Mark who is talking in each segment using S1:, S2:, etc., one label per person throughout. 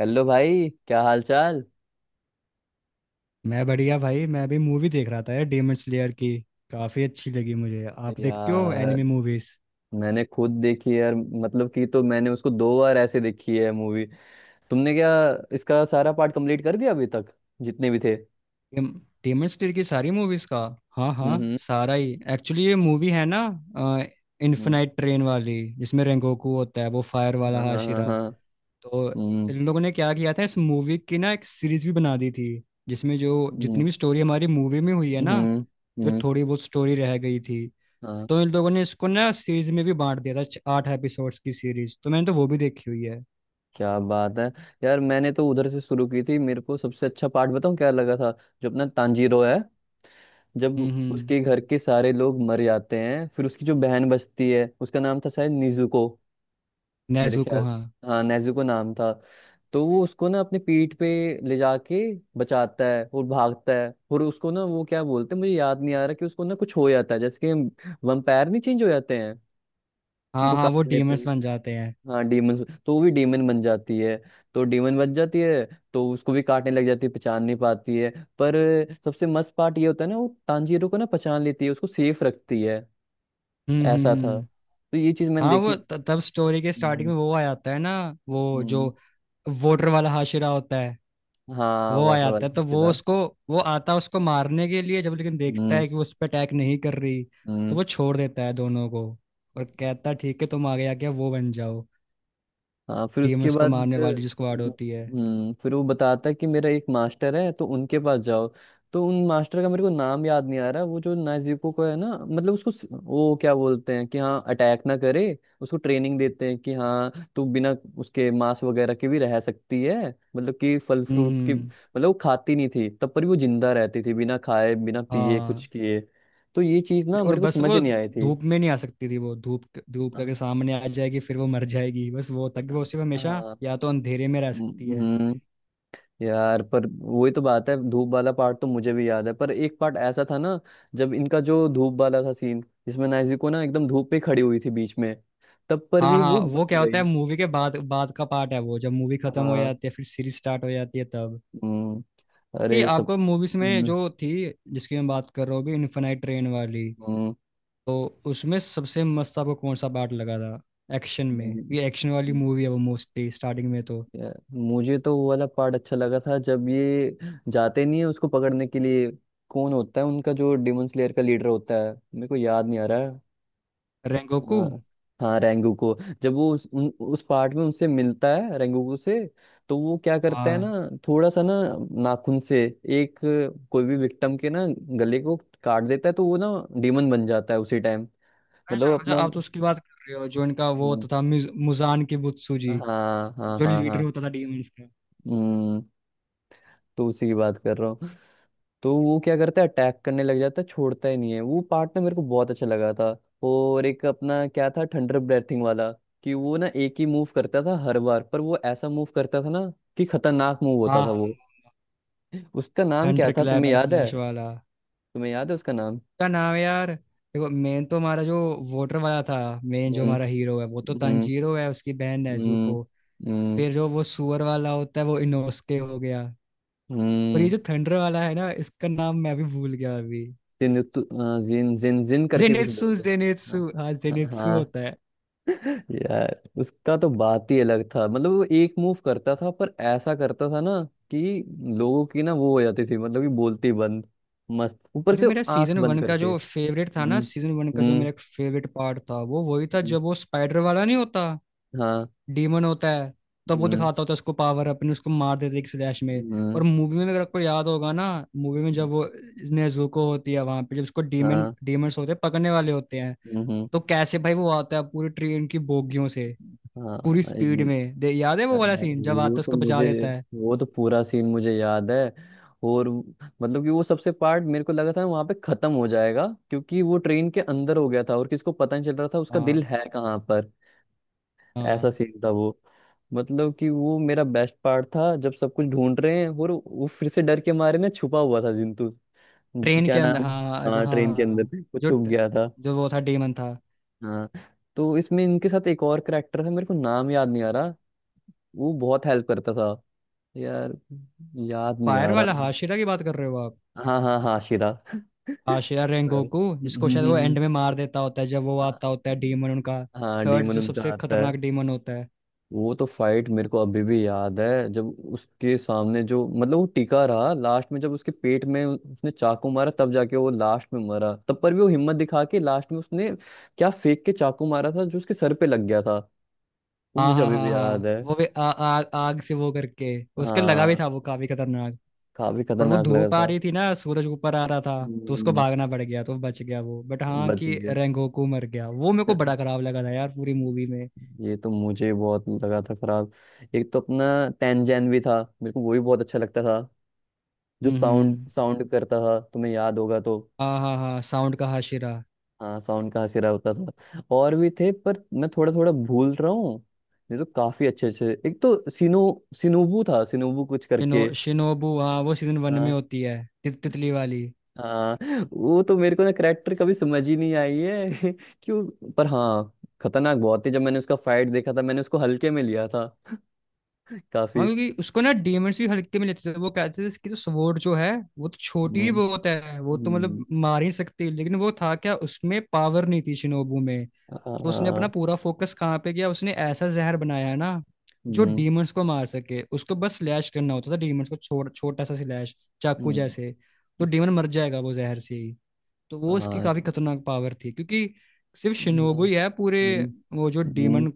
S1: Hello भाई, क्या हाल चाल।
S2: मैं बढ़िया भाई। मैं भी मूवी देख रहा था यार डेमन स्लेयर की। काफ़ी अच्छी लगी मुझे। आप देखते हो
S1: यार,
S2: एनिमे मूवीज?
S1: मैंने खुद देखी है यार, मतलब कि तो मैंने उसको दो बार ऐसे देखी है मूवी। तुमने क्या इसका सारा पार्ट कंप्लीट कर दिया अभी तक, जितने भी थे?
S2: डेमन स्लेयर की सारी मूवीज का? हाँ हाँ,
S1: हम्म।
S2: सारा ही। एक्चुअली ये मूवी है ना,
S1: हम्म।
S2: इन्फिनाइट ट्रेन वाली, जिसमें रेंगोकू होता है, वो फायर वाला
S1: हम्म। हाँ, हाँ, हाँ,
S2: हाशिरा।
S1: हाँ।
S2: तो
S1: हम्म।
S2: इन लोगों ने क्या किया था, इस मूवी की ना एक सीरीज भी बना दी थी, जिसमें जो
S1: हम्म।
S2: जितनी भी स्टोरी हमारी मूवी में हुई है
S1: हम्म।
S2: ना, तो
S1: हम्म।
S2: थोड़ी बहुत स्टोरी रह गई थी।
S1: हाँ।
S2: तो इन लोगों ने इसको ना सीरीज में भी बांट दिया था, 8 एपिसोड्स की सीरीज। तो मैंने तो वो भी देखी हुई है।
S1: क्या बात है। यार, मैंने तो उधर से शुरू की थी, मेरे को सबसे अच्छा पार्ट बताऊं क्या लगा था? जो अपना तांजीरो है, जब
S2: हम्म।
S1: उसके घर के सारे लोग मर जाते हैं, फिर उसकी जो बहन बचती है, उसका नाम था शायद निजुको। मेरे
S2: नेजुको,
S1: ख्याल।
S2: हाँ।
S1: हाँ, नेजुको नाम था। तो वो उसको ना अपने पीठ पे ले जाके बचाता है और भागता है, और उसको ना, वो क्या बोलते हैं, मुझे याद नहीं आ रहा, कि उसको ना कुछ हो जाता है, जैसे कि वंपायर नहीं, चेंज हो जाते हैं
S2: हाँ
S1: उनको
S2: हाँ,
S1: काट
S2: वो
S1: ले तो।
S2: डीमंस बन जाते हैं।
S1: हाँ, डीमन। तो वो भी डीमन बन जाती है, तो डीमन बन जाती है, तो उसको भी काटने लग जाती है, पहचान नहीं पाती है। पर सबसे मस्त पार्ट ये होता है ना, वो तांजीरो को ना पहचान लेती है, उसको सेफ रखती है। ऐसा था,
S2: हम्म।
S1: तो ये चीज मैंने
S2: हाँ,
S1: देखी।
S2: वो तब स्टोरी के स्टार्टिंग
S1: हम्म।
S2: में वो आ जाता है ना, वो जो
S1: हम्म।
S2: वोटर वाला हाशिरा होता है,
S1: हाँ,
S2: वो आ
S1: वाटर
S2: जाता है, तो वो
S1: वाला।
S2: उसको, वो आता है उसको मारने के लिए, जब लेकिन देखता
S1: हम्म।
S2: है कि वो उस पर अटैक नहीं कर रही, तो
S1: हम्म।
S2: वो छोड़ देता है दोनों को, और कहता है ठीक है तुम आगे आके वो बन जाओ,
S1: हाँ, फिर उसके
S2: डीमंस को
S1: बाद।
S2: मारने वाली, जिसको आड़ होती है।
S1: फिर वो बताता है कि मेरा एक मास्टर है तो उनके पास जाओ। तो उन मास्टर का मेरे को नाम याद नहीं आ रहा, वो जो नाजीको को है ना, मतलब उसको वो क्या बोलते हैं, कि हाँ अटैक ना करे, उसको ट्रेनिंग देते हैं कि हाँ तू बिना उसके मांस वगैरह के भी रह सकती है। मतलब कि फल
S2: हम्म
S1: फ्रूट की,
S2: हम्म,
S1: मतलब वो खाती नहीं थी तब पर भी वो जिंदा रहती थी, बिना खाए बिना पिए कुछ
S2: हाँ।
S1: किए। तो ये चीज ना
S2: और
S1: मेरे को
S2: बस
S1: समझ
S2: वो
S1: नहीं आई थी।
S2: धूप में नहीं आ सकती थी, वो धूप, धूप करके
S1: हाँ,
S2: सामने आ जाएगी फिर वो मर जाएगी, बस वो
S1: हाँ,
S2: तक वो सिर्फ हमेशा
S1: हाँ।
S2: या तो अंधेरे में रह सकती है।
S1: हम्म। यार पर वही तो बात है, धूप वाला पार्ट तो मुझे भी याद है, पर एक पार्ट ऐसा था ना, जब इनका जो धूप वाला था सीन, जिसमें नाइजी ना एकदम धूप पे खड़ी हुई थी बीच में, तब पर
S2: हाँ
S1: भी वो
S2: हाँ, वो
S1: बच
S2: क्या होता
S1: गई।
S2: है, मूवी के बाद बाद का पार्ट है वो, जब मूवी खत्म हो
S1: हाँ।
S2: जाती है फिर सीरीज स्टार्ट हो जाती है तब।
S1: हम्म।
S2: ये
S1: अरे, सब।
S2: आपको मूवीज में
S1: हम्म।
S2: जो थी, जिसकी मैं बात कर रहा हूँ अभी, इन्फेनाइट ट्रेन वाली,
S1: हम्म।
S2: तो उसमें सबसे मस्त आपको कौन सा पार्ट लगा था एक्शन में?
S1: हम्म।
S2: ये एक्शन वाली
S1: हम्म।
S2: मूवी है वो, मोस्टली स्टार्टिंग में तो।
S1: यार, मुझे तो वो वाला पार्ट अच्छा लगा था जब ये जाते नहीं है उसको पकड़ने के लिए। कौन होता है उनका जो डिमन स्लेयर का लीडर होता है, मेरे को याद नहीं आ रहा है।
S2: रेंगोकू।
S1: हाँ। हाँ, रेंगुको। जब वो उस पार्ट में उनसे मिलता है रेंगुको से, तो वो क्या करता है ना,
S2: हाँ
S1: थोड़ा सा ना नाखून से, एक कोई भी विक्टिम के ना गले को काट देता है, तो वो ना डीमन बन जाता है उसी टाइम। मतलब
S2: अच्छा अच्छा,
S1: अपना।
S2: आप तो उसकी बात कर रहे हो जो इनका वो
S1: हम्म।
S2: होता था मुजान की बुत्सुजी,
S1: हाँ, हाँ,
S2: जो
S1: हाँ,
S2: लीडर
S1: हाँ।
S2: होता था डीमंस का।
S1: हम्म। तो उसी की बात कर रहा हूँ। तो वो क्या करता है, अटैक करने लग जाता है, छोड़ता ही नहीं है, वो पार्ट ना मेरे को बहुत अच्छा लगा था। और एक अपना क्या था, थंडर ब्रेथिंग वाला, कि वो ना एक ही मूव करता था हर बार, पर वो ऐसा मूव करता था ना, कि खतरनाक मूव होता
S2: हाँ
S1: था
S2: हाँ।
S1: वो। उसका नाम क्या
S2: थंडर
S1: था,
S2: क्लैप
S1: तुम्हें
S2: एंड
S1: याद है?
S2: फ्लैश वाला?
S1: तुम्हें याद है उसका नाम?
S2: क्या नाम है यार, देखो मेन तो हमारा जो वोटर वाला था, मेन जो
S1: हम्म।
S2: हमारा हीरो है वो तो
S1: हम्म।
S2: तांजीरो है, उसकी बहन
S1: हम्म।
S2: नेजुको,
S1: हम्म।
S2: फिर जो वो सुअर वाला होता है वो इनोसके हो गया, और ये
S1: हम्म।
S2: जो थंडर वाला है ना, इसका नाम मैं भी भूल गया अभी।
S1: जिन, जिन जिन जिन करके कुछ
S2: जेनित्सु
S1: बोलते हैं।
S2: जेनित्सु,
S1: हाँ।
S2: हाँ
S1: हाँ,
S2: जेनित्सु
S1: हाँ।
S2: होता है।
S1: यार, उसका तो बात ही अलग था, मतलब वो एक मूव करता था पर ऐसा करता था ना, कि लोगों की ना वो हो जाती थी, मतलब कि बोलती बंद। मस्त ऊपर
S2: अरे,
S1: से,
S2: मेरा
S1: आंख
S2: सीजन
S1: बंद
S2: वन का
S1: करके।
S2: जो फेवरेट था
S1: हम्म।
S2: ना, सीजन 1 का जो
S1: हम्म।
S2: मेरा एक फेवरेट पार्ट था, वो वही था
S1: हम्म।
S2: जब वो स्पाइडर वाला नहीं होता,
S1: हाँ।
S2: डीमन होता है, तब वो
S1: हम्म।
S2: दिखाता होता है उसको पावर अपने, उसको मार देते एक स्लैश में। और
S1: हम्म।
S2: मूवी में अगर आपको याद होगा ना, मूवी में जब वो नेजुको होती है वहां पे, जब उसको डीमन
S1: हाँ।
S2: डीमंस होते हैं पकड़ने वाले होते हैं,
S1: हम्म। हम्म।
S2: तो कैसे भाई वो आता है पूरी ट्रेन की बोगियों से, पूरी
S1: हाँ,
S2: स्पीड में दे, याद है वो वाला सीन जब आता
S1: वो
S2: है
S1: तो
S2: उसको बचा
S1: मुझे
S2: लेता है?
S1: वो तो पूरा सीन मुझे याद है। और मतलब कि वो सबसे पार्ट मेरे को लगा था वहां पे खत्म हो जाएगा, क्योंकि वो ट्रेन के अंदर हो गया था और किसको पता नहीं चल रहा था उसका दिल
S2: हाँ
S1: है कहाँ पर। ऐसा
S2: हाँ,
S1: सीन था वो। मतलब कि वो मेरा बेस्ट पार्ट था, जब सब कुछ ढूंढ रहे हैं और वो फिर से डर के मारे ना छुपा हुआ था जिंतू।
S2: ट्रेन के
S1: क्या
S2: अंदर,
S1: नाम?
S2: हाँ अच्छा
S1: हाँ,
S2: हाँ
S1: ट्रेन के
S2: हाँ हाँ।
S1: अंदर वो
S2: जो
S1: छुप गया था।
S2: जो वो था, डीमन था।
S1: हाँ। तो इसमें इनके साथ एक और करेक्टर था, मेरे को नाम याद नहीं आ रहा, वो बहुत हेल्प करता था यार, याद नहीं
S2: फायर
S1: आ रहा।
S2: वाला हाशिरा की बात कर रहे हो आप?
S1: हाँ, हाँ, हाँ शिरा
S2: हाशिरा
S1: पर।
S2: रेंगोकू, जिसको
S1: हम्म।
S2: शायद
S1: हम्म।
S2: वो
S1: हम्म।
S2: एंड में मार देता होता है, जब वो
S1: हाँ।
S2: आता होता है डीमन उनका,
S1: हाँ,
S2: थर्ड
S1: डीमन
S2: जो
S1: उनका
S2: सबसे
S1: आता है।
S2: खतरनाक डीमन होता है।
S1: वो तो फाइट मेरे को अभी भी याद है, जब उसके सामने जो, मतलब वो टिका रहा लास्ट में, जब उसके पेट में उसने चाकू मारा, तब जाके वो लास्ट में मरा, तब पर भी वो हिम्मत दिखा के लास्ट में उसने क्या फेंक के चाकू मारा था जो उसके सर पे लग गया था। वो
S2: हाँ
S1: मुझे
S2: हाँ
S1: अभी
S2: हाँ
S1: भी याद
S2: हाँ,
S1: है।
S2: वो भी आ, आ, आग से वो करके उसके लगा भी
S1: हाँ,
S2: था, वो काफी खतरनाक।
S1: काफी
S2: पर वो
S1: खतरनाक लगा
S2: धूप आ
S1: था।
S2: रही थी ना, सूरज ऊपर आ रहा था, तो उसको
S1: हम्म।
S2: भागना पड़ गया तो बच गया वो। बट हाँ
S1: बच
S2: कि
S1: गया।
S2: रेंगोकू मर गया, वो मेरे को बड़ा खराब लगा था यार पूरी मूवी में।
S1: ये तो मुझे बहुत लगा था खराब। एक तो अपना तैनजैन भी था, मेरे को वो भी बहुत अच्छा लगता था। जो
S2: हम्म
S1: साउंड
S2: हम्म।
S1: साउंड करता था, तुम्हें याद होगा तो।
S2: हाँ हाँ हाँ, साउंड का हाशिरा।
S1: हाँ, साउंड का हसीरा होता था, और भी थे पर मैं थोड़ा थोड़ा भूल रहा हूँ। ये तो काफी अच्छे अच्छे, एक तो सिनुबू था, सिनुबू कुछ
S2: शिनो
S1: करके।
S2: शिनोबू हाँ वो सीजन 1 में
S1: हाँ।
S2: होती है, तितली वाली।
S1: हाँ। वो तो मेरे को ना करेक्टर कभी समझ ही नहीं आई है क्यों, पर हाँ, खतरनाक बहुत थी। जब मैंने उसका फाइट देखा था मैंने उसको हल्के में लिया था।
S2: हाँ,
S1: काफी।
S2: क्योंकि उसको ना डीमंड्स भी हल्के में लेते थे, वो कहते थे इसकी तो स्वॉर्ड जो है वो तो छोटी
S1: हम्म।
S2: ही बहुत है, वो तो
S1: हम्म।
S2: मतलब मार ही नहीं सकती है। लेकिन वो था क्या, उसमें पावर नहीं थी शिनोबू में, तो उसने अपना
S1: हाँ।
S2: पूरा फोकस कहाँ पे किया, उसने ऐसा जहर बनाया है ना जो
S1: हम्म।
S2: डीमंड्स को मार सके। उसको बस स्लैश करना होता था डीमंड्स को, छोटा छोटा सा स्लैश, चाकू
S1: हम्म।
S2: जैसे, तो डीमन मर जाएगा वो जहर से ही। तो वो इसकी
S1: हाँ।
S2: काफी खतरनाक पावर थी, क्योंकि सिर्फ
S1: हम्म।
S2: शिनोबू ही है पूरे
S1: हम्म।
S2: वो जो
S1: हम्म।
S2: डीमन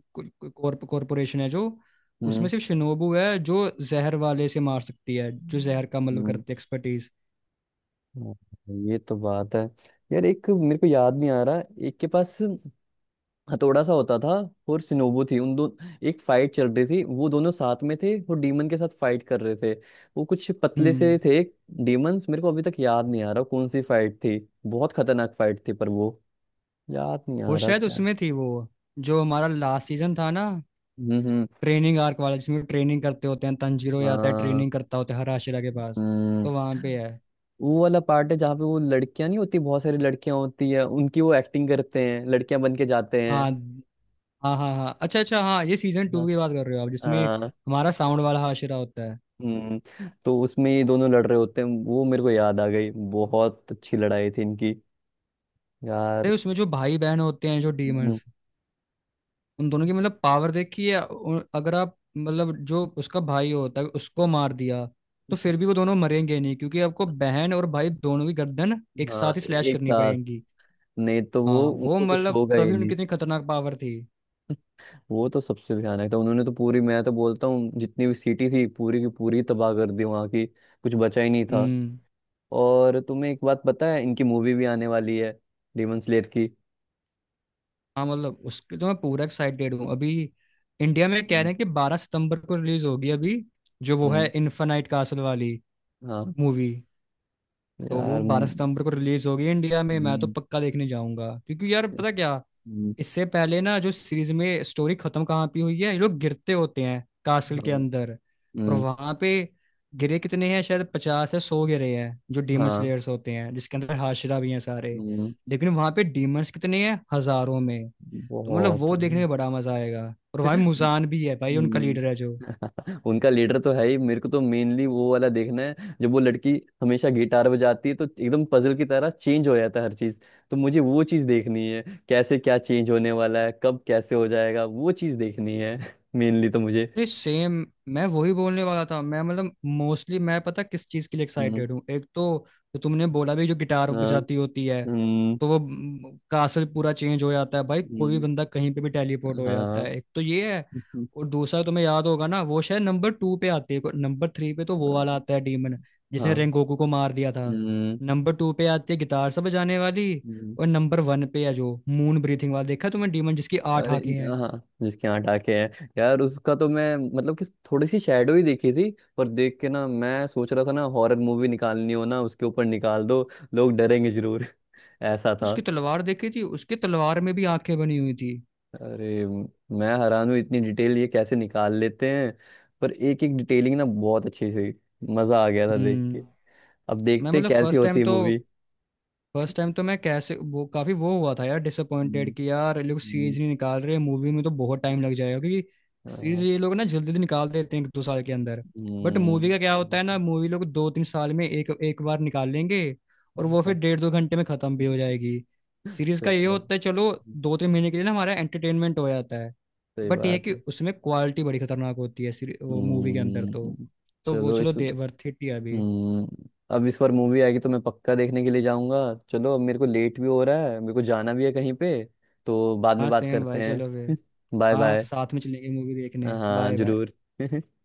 S2: कॉरपोरेशन है जो, उसमें
S1: हम्म।
S2: सिर्फ शिनोबू है जो जहर वाले से मार सकती है, जो जहर का मतलब
S1: हम्म।
S2: करती है एक्सपर्टीज।
S1: हाँ, ये तो बात है। यार, एक मेरे को याद नहीं आ रहा, एक के पास हथौड़ा सा होता था और सिनोबू थी उन दो। एक फाइट चल रही थी, वो दोनों साथ में थे और डीमन के साथ फाइट कर रहे थे, वो कुछ पतले से
S2: हम्म।
S1: थे। डीमंस, मेरे को अभी तक याद नहीं आ रहा कौन सी फाइट थी। बहुत खतरनाक फाइट थी पर वो याद नहीं
S2: वो
S1: आ रहा
S2: शायद
S1: क्या।
S2: उसमें थी, वो जो हमारा लास्ट सीजन था ना,
S1: हम्म। हम्म।
S2: ट्रेनिंग आर्क वाला, जिसमें ट्रेनिंग करते होते हैं, तंजीरो ही आता है
S1: हाँ।
S2: ट्रेनिंग करता होता है हराशिरा के पास,
S1: हम्म।
S2: तो वहां पे है।
S1: वो वाला पार्ट है जहाँ पे वो लड़कियां नहीं होती, बहुत सारी लड़कियां होती हैं उनकी, वो एक्टिंग करते हैं, लड़कियां बन के जाते
S2: हाँ
S1: हैं।
S2: हाँ हाँ हाँ, अच्छा अच्छा हाँ, ये सीजन
S1: हाँ।
S2: टू की बात कर रहे हो आप, जिसमें
S1: हाँ।
S2: हमारा साउंड वाला हाशिरा होता है।
S1: हम्म, तो उसमें ये दोनों लड़ रहे होते हैं, वो मेरे को याद आ गई, बहुत अच्छी लड़ाई थी इनकी यार।
S2: भाई उसमें जो भाई बहन होते हैं जो
S1: हम्म।
S2: डीमंस, उन दोनों की मतलब पावर देखी है, अगर आप मतलब जो उसका भाई होता है उसको मार दिया तो फिर भी वो दोनों मरेंगे नहीं, क्योंकि आपको बहन और भाई दोनों की गर्दन एक
S1: हाँ,
S2: साथ ही स्लैश
S1: एक
S2: करनी
S1: साथ,
S2: पड़ेगी।
S1: नहीं तो वो
S2: हाँ, वो
S1: उनको कुछ
S2: मतलब
S1: होगा ही
S2: तभी
S1: नहीं।
S2: उनकी इतनी खतरनाक पावर थी।
S1: वो तो सबसे भयानक था, उन्होंने तो पूरी मैं तो बोलता हूँ जितनी भी सिटी थी पूरी की पूरी तबाह कर दी, वहां की कुछ बचा ही नहीं था।
S2: हम्म।
S1: और तुम्हें एक बात पता है, इनकी मूवी भी आने वाली है, डेमन स्लेयर की।
S2: हाँ, मतलब उसके तो मैं पूरा एक्साइटेड हूँ अभी। इंडिया में कह
S1: हम्म।
S2: रहे हैं कि 12 सितंबर को रिलीज होगी अभी, जो वो है
S1: हम्म।
S2: इन्फेनाइट कासल वाली
S1: हाँ,
S2: मूवी। तो
S1: यार।
S2: वो बारह
S1: हम्म।
S2: सितंबर को रिलीज होगी इंडिया में, मैं तो
S1: हम्म।
S2: पक्का देखने जाऊंगा, क्योंकि यार पता क्या,
S1: हम्म।
S2: इससे पहले ना जो सीरीज में स्टोरी खत्म कहाँ पे हुई है, ये लोग गिरते होते हैं कासल के
S1: हाँ।
S2: अंदर, और
S1: हम्म।
S2: वहां पे गिरे कितने हैं, शायद 50 या 100 गिरे हैं जो डीमन
S1: हाँ।
S2: स्लेयर्स होते हैं, जिसके अंदर हाशरा भी हैं सारे।
S1: हम्म।
S2: लेकिन वहां पे डीमंस कितने हैं, हजारों में। तो मतलब
S1: बहुत
S2: वो
S1: है।
S2: देखने में बड़ा मजा आएगा, और वहां मुजान भी है भाई, उनका
S1: हम्म।
S2: लीडर है जो।
S1: उनका लीडर तो है ही, मेरे को तो मेनली वो वाला देखना है, जब वो लड़की हमेशा गिटार बजाती है तो एकदम पजल की तरह चेंज हो जाता है हर चीज। तो मुझे वो चीज देखनी है, कैसे क्या चेंज होने वाला है, कब कैसे हो जाएगा, वो चीज देखनी है। मेनली तो मुझे।
S2: अरे सेम, मैं वही बोलने वाला था। मैं मतलब मोस्टली मैं पता किस चीज के लिए
S1: हम्म।
S2: एक्साइटेड हूँ, एक तो जो तुमने बोला भी जो गिटार
S1: हाँ।
S2: बजाती होती है,
S1: हम्म।
S2: तो वो कासल पूरा चेंज हो जाता है भाई, कोई भी
S1: हम्म।
S2: बंदा कहीं पे भी टेलीपोर्ट हो जाता
S1: हाँ।
S2: है, एक तो ये है।
S1: हम्म।
S2: और दूसरा तुम्हें याद होगा ना, वो शायद नंबर 2 पे आती है, नंबर 3 पे तो वो वाला आता है डीमन, जिसने
S1: हाँ।
S2: रेंगोकू को मार दिया था,
S1: हम्म।
S2: नंबर 2 पे आती है गिटार से बजाने वाली,
S1: हम्म।
S2: और नंबर 1 पे है जो मून ब्रीथिंग वाला, देखा तुमने डीमन, जिसकी आठ
S1: अरे।
S2: आंखें हैं।
S1: हाँ, जिसके यहाँ टाके हैं यार, उसका तो मैं मतलब कि थोड़ी सी शेडो ही देखी थी, पर देख के ना मैं सोच रहा था ना, हॉरर मूवी निकालनी हो ना उसके ऊपर निकाल दो, लोग डरेंगे जरूर। ऐसा था।
S2: उसकी तलवार देखी थी, उसकी तलवार में भी आंखें बनी हुई थी।
S1: अरे मैं हैरान हूँ, इतनी डिटेल ये कैसे निकाल लेते हैं। पर एक एक डिटेलिंग ना बहुत अच्छी थी, मजा आ गया था देख के।
S2: हम्म।
S1: अब
S2: मैं
S1: देखते
S2: मतलब
S1: कैसी
S2: फर्स्ट
S1: होती
S2: टाइम
S1: है
S2: तो
S1: मूवी।
S2: फर्स्ट टाइम तो मैं कैसे वो काफी वो हुआ था यार,
S1: हम्म।
S2: डिसअपॉइंटेड कि यार ये लोग
S1: हम्म।
S2: सीरीज नहीं निकाल रहे, मूवी में तो बहुत टाइम लग जाएगा, क्योंकि सीरीज
S1: हाँ।
S2: ये लोग ना जल्दी जल्दी निकाल देते हैं एक दो साल के अंदर, बट मूवी का क्या होता है ना,
S1: हम्म।
S2: मूवी लोग दो तीन साल में एक एक बार निकाल लेंगे, और
S1: हाँ।
S2: वो फिर
S1: हाँ।
S2: डेढ़ दो घंटे में खत्म भी हो जाएगी। सीरीज का ये
S1: सही बात।
S2: होता है चलो दो तीन महीने के लिए ना हमारा एंटरटेनमेंट हो जाता है,
S1: सही
S2: बट ये है
S1: बात।
S2: कि उसमें क्वालिटी बड़ी खतरनाक होती है, वो मूवी के अंदर तो
S1: हम्म।
S2: तो वो
S1: चलो
S2: चलो
S1: इस।
S2: दे वर्थ इट ही है अभी।
S1: हम्म, अब इस बार मूवी आएगी तो मैं पक्का देखने के लिए जाऊंगा। चलो, अब मेरे को लेट भी हो रहा है, मेरे को जाना भी है कहीं पे, तो बाद
S2: हाँ
S1: में बात
S2: सेम
S1: करते
S2: भाई चलो फिर।
S1: हैं। बाय
S2: हाँ,
S1: बाय।
S2: साथ में चलेंगे मूवी देखने,
S1: हाँ,
S2: बाय बाय।
S1: जरूर।